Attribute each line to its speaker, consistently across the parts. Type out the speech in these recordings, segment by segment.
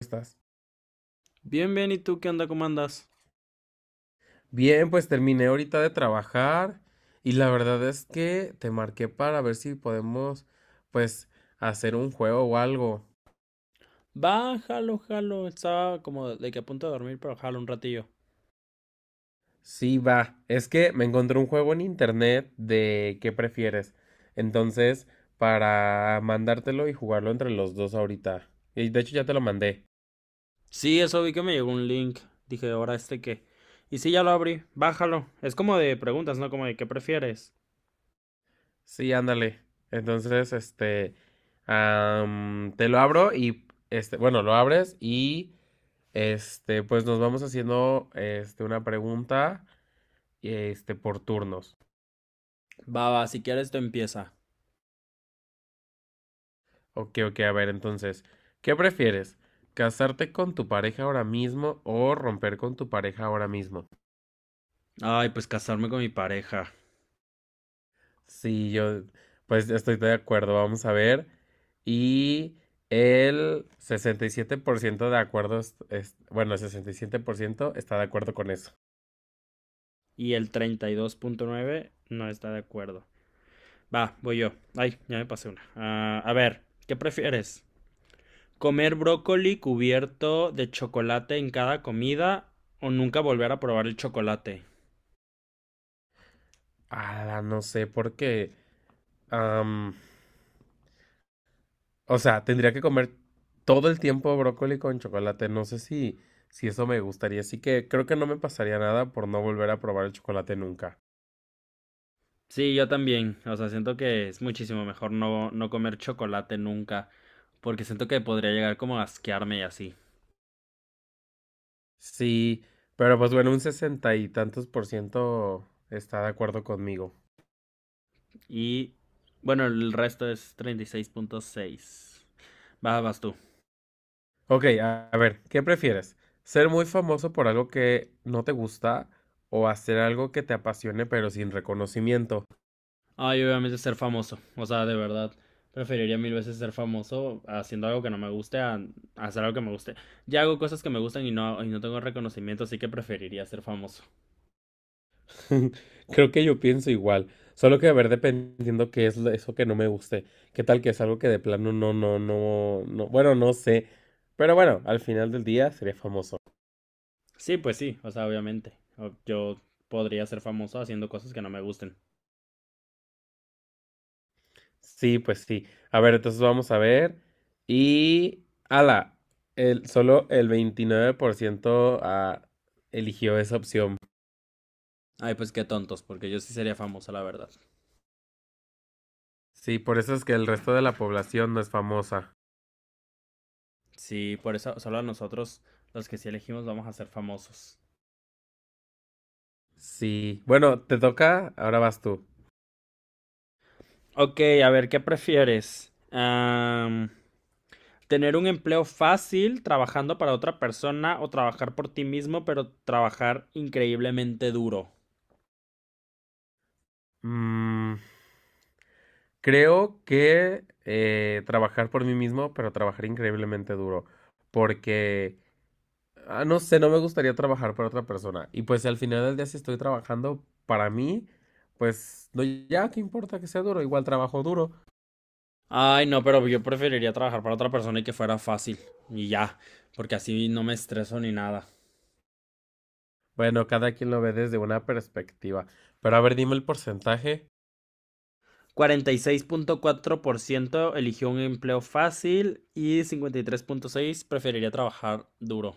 Speaker 1: Estás?
Speaker 2: Bien, bien, ¿y tú qué onda? ¿Cómo andas?
Speaker 1: Bien, pues terminé ahorita de trabajar y la verdad es que te marqué para ver si podemos, pues, hacer un juego o algo.
Speaker 2: Va, jalo, jalo. Estaba como de que a punto de dormir, pero jalo un ratillo.
Speaker 1: Sí, va. Es que me encontré un juego en internet de qué prefieres. Entonces, para mandártelo y jugarlo entre los dos ahorita. Y de hecho ya te lo mandé.
Speaker 2: Sí, eso vi que me llegó un link. Dije, ¿ahora este qué? Y sí, ya lo abrí. Bájalo. Es como de preguntas, ¿no? Como de ¿qué prefieres?
Speaker 1: Sí, ándale. Entonces, te lo abro y, bueno, lo abres y pues nos vamos haciendo una pregunta por turnos.
Speaker 2: Va, va, si quieres tú empieza.
Speaker 1: Ok, ok, a ver, entonces, ¿qué prefieres? ¿Casarte con tu pareja ahora mismo o romper con tu pareja ahora mismo?
Speaker 2: Ay, pues casarme con mi pareja.
Speaker 1: Sí, yo, pues estoy de acuerdo, vamos a ver. Y el 67% de acuerdo, bueno, el 67% está de acuerdo con eso.
Speaker 2: Y el 32.9 no está de acuerdo. Va, voy yo. Ay, ya me pasé una. Ah, a ver, ¿qué prefieres? Comer brócoli cubierto de chocolate en cada comida o nunca volver a probar el chocolate.
Speaker 1: Ah, no sé por qué. O sea, tendría que comer todo el tiempo brócoli con chocolate. No sé si eso me gustaría. Así que creo que no me pasaría nada por no volver a probar el chocolate nunca.
Speaker 2: Sí, yo también. O sea, siento que es muchísimo mejor no, no comer chocolate nunca. Porque siento que podría llegar como a asquearme y así.
Speaker 1: Sí, pero pues bueno, un sesenta y tantos por ciento está de acuerdo conmigo.
Speaker 2: Y bueno, el resto es 36.6. Vas, vas tú.
Speaker 1: Ok, a ver, ¿qué prefieres? ¿Ser muy famoso por algo que no te gusta o hacer algo que te apasione pero sin reconocimiento?
Speaker 2: Ay, obviamente ser famoso. O sea, de verdad. Preferiría mil veces ser famoso haciendo algo que no me guste a hacer algo que me guste. Ya hago cosas que me gustan y no tengo reconocimiento, así que preferiría ser famoso.
Speaker 1: Creo que yo pienso igual, solo que a ver, dependiendo qué es eso que no me guste, qué tal que es algo que de plano no, no, no, no, bueno, no sé, pero bueno, al final del día sería famoso.
Speaker 2: Sí, pues sí, o sea, obviamente. O yo podría ser famoso haciendo cosas que no me gusten.
Speaker 1: Sí, pues sí. A ver, entonces vamos a ver y ala, solo el 29% eligió esa opción.
Speaker 2: Ay, pues qué tontos, porque yo sí sería famoso, la verdad.
Speaker 1: Sí, por eso es que el resto de la población no es famosa.
Speaker 2: Sí, por eso solo a nosotros, los que sí elegimos, vamos a ser famosos.
Speaker 1: Sí, bueno, te toca, ahora vas tú.
Speaker 2: Ok, a ver, ¿qué prefieres? ¿Tener un empleo fácil trabajando para otra persona o trabajar por ti mismo, pero trabajar increíblemente duro?
Speaker 1: Mm. Creo que trabajar por mí mismo, pero trabajar increíblemente duro, porque, no sé, no me gustaría trabajar para otra persona. Y pues al final del día, si estoy trabajando para mí, pues no, ya, ¿qué importa que sea duro? Igual trabajo duro.
Speaker 2: Ay, no, pero yo preferiría trabajar para otra persona y que fuera fácil. Y ya, porque así no me estreso ni nada.
Speaker 1: Bueno, cada quien lo ve desde una perspectiva. Pero a ver, dime el porcentaje.
Speaker 2: 46.4% eligió un empleo fácil y 53.6% preferiría trabajar duro.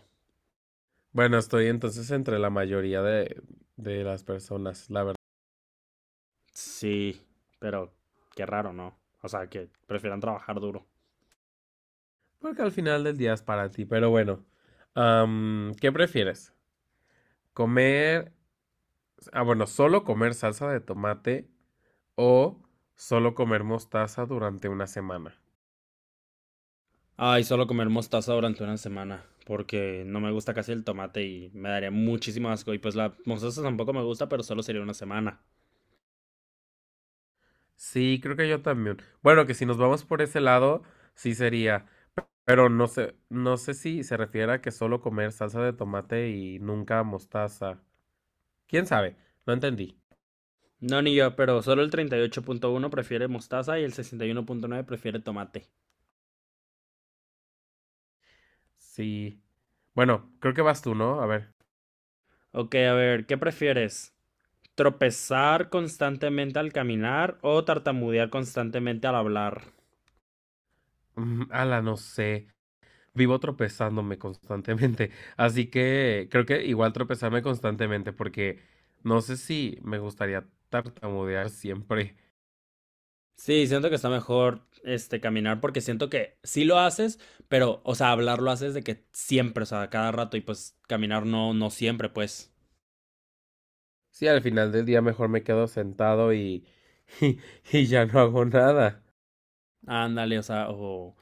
Speaker 1: Bueno, estoy entonces entre la mayoría de las personas, la verdad.
Speaker 2: Sí, pero qué raro, ¿no? O sea, que prefieran trabajar duro.
Speaker 1: Porque al final del día es para ti, pero bueno. ¿Qué prefieres? ¿Comer bueno, solo comer salsa de tomate o solo comer mostaza durante una semana.
Speaker 2: Ay, solo comer mostaza durante una semana, porque no me gusta casi el tomate y me daría muchísimo asco. Y pues la mostaza tampoco me gusta, pero solo sería una semana.
Speaker 1: Sí, creo que yo también. Bueno, que si nos vamos por ese lado, sí sería. Pero no sé, no sé si se refiere a que solo comer salsa de tomate y nunca mostaza. ¿Quién sabe? No entendí.
Speaker 2: No, ni yo, pero solo el 38.1 prefiere mostaza y el 61.9 prefiere tomate.
Speaker 1: Sí. Bueno, creo que vas tú, ¿no? A ver.
Speaker 2: Ok, a ver, ¿qué prefieres? Tropezar constantemente al caminar o tartamudear constantemente al hablar.
Speaker 1: Ala, no sé. Vivo tropezándome constantemente. Así que creo que igual tropezarme constantemente porque no sé si me gustaría tartamudear siempre.
Speaker 2: Sí, siento que está mejor este caminar porque siento que sí lo haces, pero o sea, hablar lo haces de que siempre, o sea, cada rato y pues caminar no no siempre, pues.
Speaker 1: Sí, al final del día mejor me quedo sentado y, y, ya no hago nada.
Speaker 2: Ándale, o sea, o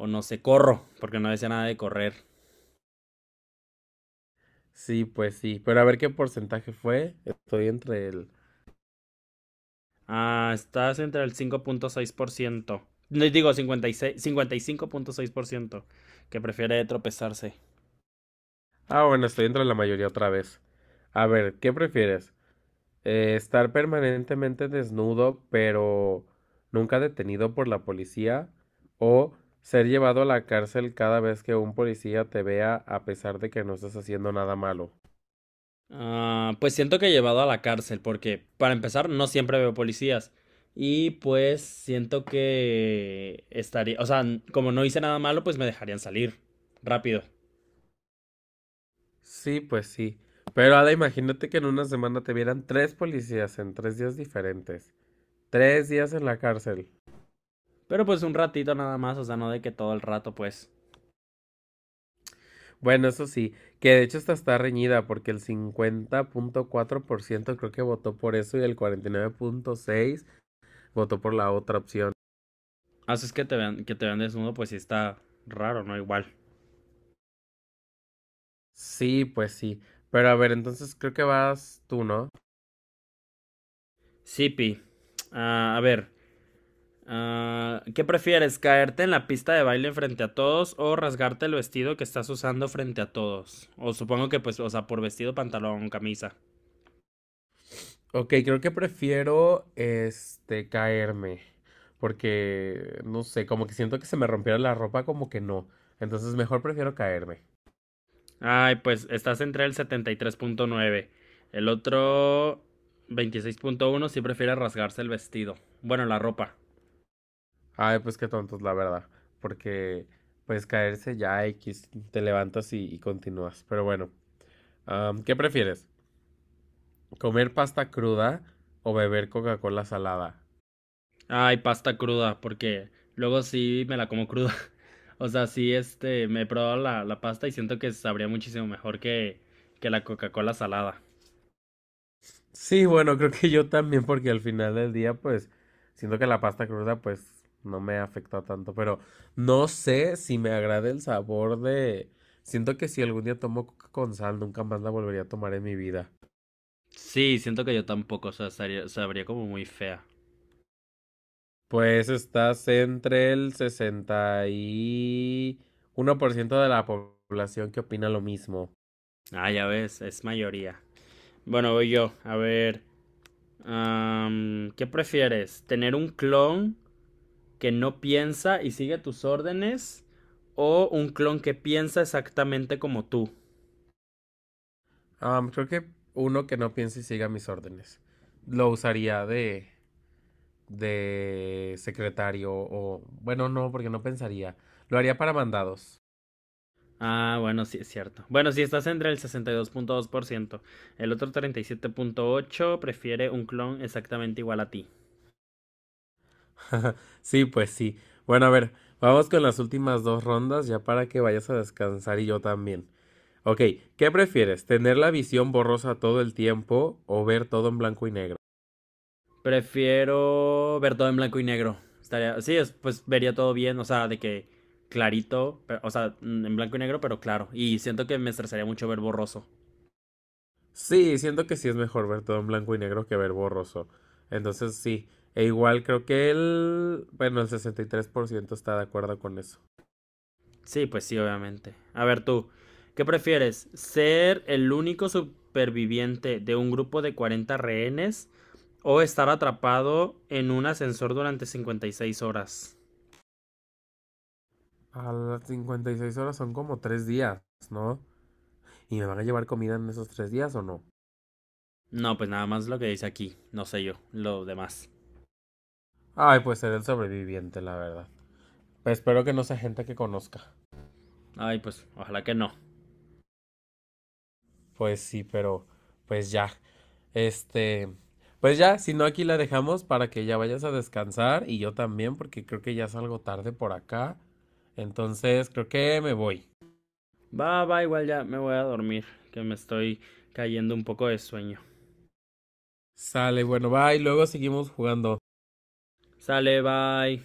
Speaker 2: o no sé, corro, porque no decía nada de correr.
Speaker 1: Sí, pues sí. Pero a ver qué porcentaje fue.
Speaker 2: Ah, estás entre el 5.6%. No, digo, 56, 55.6% que prefiere tropezarse.
Speaker 1: Ah, bueno, estoy entre la mayoría otra vez. A ver, ¿qué prefieres? Estar permanentemente desnudo, pero nunca detenido por la policía, o ser llevado a la cárcel cada vez que un policía te vea a pesar de que no estás haciendo nada malo.
Speaker 2: Ah, pues siento que he llevado a la cárcel, porque para empezar no siempre veo policías. Y pues siento que estaría, o sea, n- como no hice nada malo, pues me dejarían salir rápido.
Speaker 1: Sí, pues sí. Pero Ada, imagínate que en una semana te vieran tres policías en 3 días diferentes. 3 días en la cárcel.
Speaker 2: Pero pues un ratito nada más, o sea, no de que todo el rato, pues.
Speaker 1: Bueno, eso sí, que de hecho esta está reñida porque el 50.4% creo que votó por eso y el 49.6% votó por la otra opción.
Speaker 2: Así es que te vean desnudo, pues sí está raro, ¿no? Igual.
Speaker 1: Sí, pues sí. Pero a ver, entonces creo que vas tú, ¿no?
Speaker 2: Sipi. Ah, a ver. ¿Qué prefieres? ¿Caerte en la pista de baile frente a todos o rasgarte el vestido que estás usando frente a todos? O supongo que pues, o sea, por vestido, pantalón, camisa.
Speaker 1: Ok, creo que prefiero caerme. Porque no sé, como que siento que se me rompiera la ropa, como que no. Entonces mejor prefiero caerme.
Speaker 2: Ay, pues estás entre el 73.9. El otro 26.1 sí prefiere rasgarse el vestido. Bueno, la ropa.
Speaker 1: Ay, pues qué tontos, la verdad. Porque pues caerse ya X, te levantas y continúas. Pero bueno, ¿qué prefieres? ¿Comer pasta cruda o beber Coca-Cola salada?
Speaker 2: Ay, pasta cruda, porque luego sí me la como cruda. O sea, sí, este, me he probado la pasta y siento que sabría muchísimo mejor que la Coca-Cola salada.
Speaker 1: Sí, bueno, creo que yo también, porque al final del día, pues, siento que la pasta cruda, pues, no me afecta tanto, pero no sé si me agrada el sabor de. Siento que si algún día tomo coca con sal, nunca más la volvería a tomar en mi vida.
Speaker 2: Sí, siento que yo tampoco, o sea, sabría, sabría como muy fea.
Speaker 1: Pues estás entre el 61% de la población que opina lo mismo.
Speaker 2: Ah, ya ves, es mayoría. Bueno, voy yo. A ver, ¿qué prefieres? ¿Tener un clon que no piensa y sigue tus órdenes o un clon que piensa exactamente como tú?
Speaker 1: Ah, creo que uno que no piense y siga mis órdenes. Lo usaría de secretario o bueno, no, porque no pensaría. Lo haría para mandados.
Speaker 2: Ah, bueno, sí es cierto. Bueno, si estás entre el 62.2%, el otro 37.8 prefiere un clon exactamente igual a ti.
Speaker 1: Sí, pues sí. Bueno, a ver, vamos con las últimas dos rondas ya para que vayas a descansar y yo también. Ok, ¿qué prefieres? ¿Tener la visión borrosa todo el tiempo o ver todo en blanco y negro?
Speaker 2: Prefiero ver todo en blanco y negro. Estaría, sí, pues vería todo bien, o sea, de que clarito, pero o sea, en blanco y negro, pero claro. Y siento que me estresaría mucho ver borroso.
Speaker 1: Sí, siento que sí es mejor ver todo en blanco y negro que ver borroso. Entonces sí, e igual creo que Bueno, el 63% está de acuerdo con eso.
Speaker 2: Sí, pues sí, obviamente. A ver tú, ¿qué prefieres? ¿Ser el único superviviente de un grupo de 40 rehenes o estar atrapado en un ascensor durante 56 horas?
Speaker 1: A las 56 horas son como 3 días, ¿no? ¿Y me van a llevar comida en esos 3 días o no?
Speaker 2: No, pues nada más lo que dice aquí, no sé yo, lo demás.
Speaker 1: Ay, pues seré el sobreviviente, la verdad. Pero espero que no sea gente que conozca.
Speaker 2: Ay, pues ojalá que no.
Speaker 1: Pues sí, pero pues ya. Este, pues ya, si no aquí la dejamos para que ya vayas a descansar y yo también porque creo que ya salgo tarde por acá. Entonces, creo que me voy.
Speaker 2: Va, va, igual ya me voy a dormir, que me estoy cayendo un poco de sueño.
Speaker 1: Sale, bueno, bye, luego seguimos jugando.
Speaker 2: Sale, bye.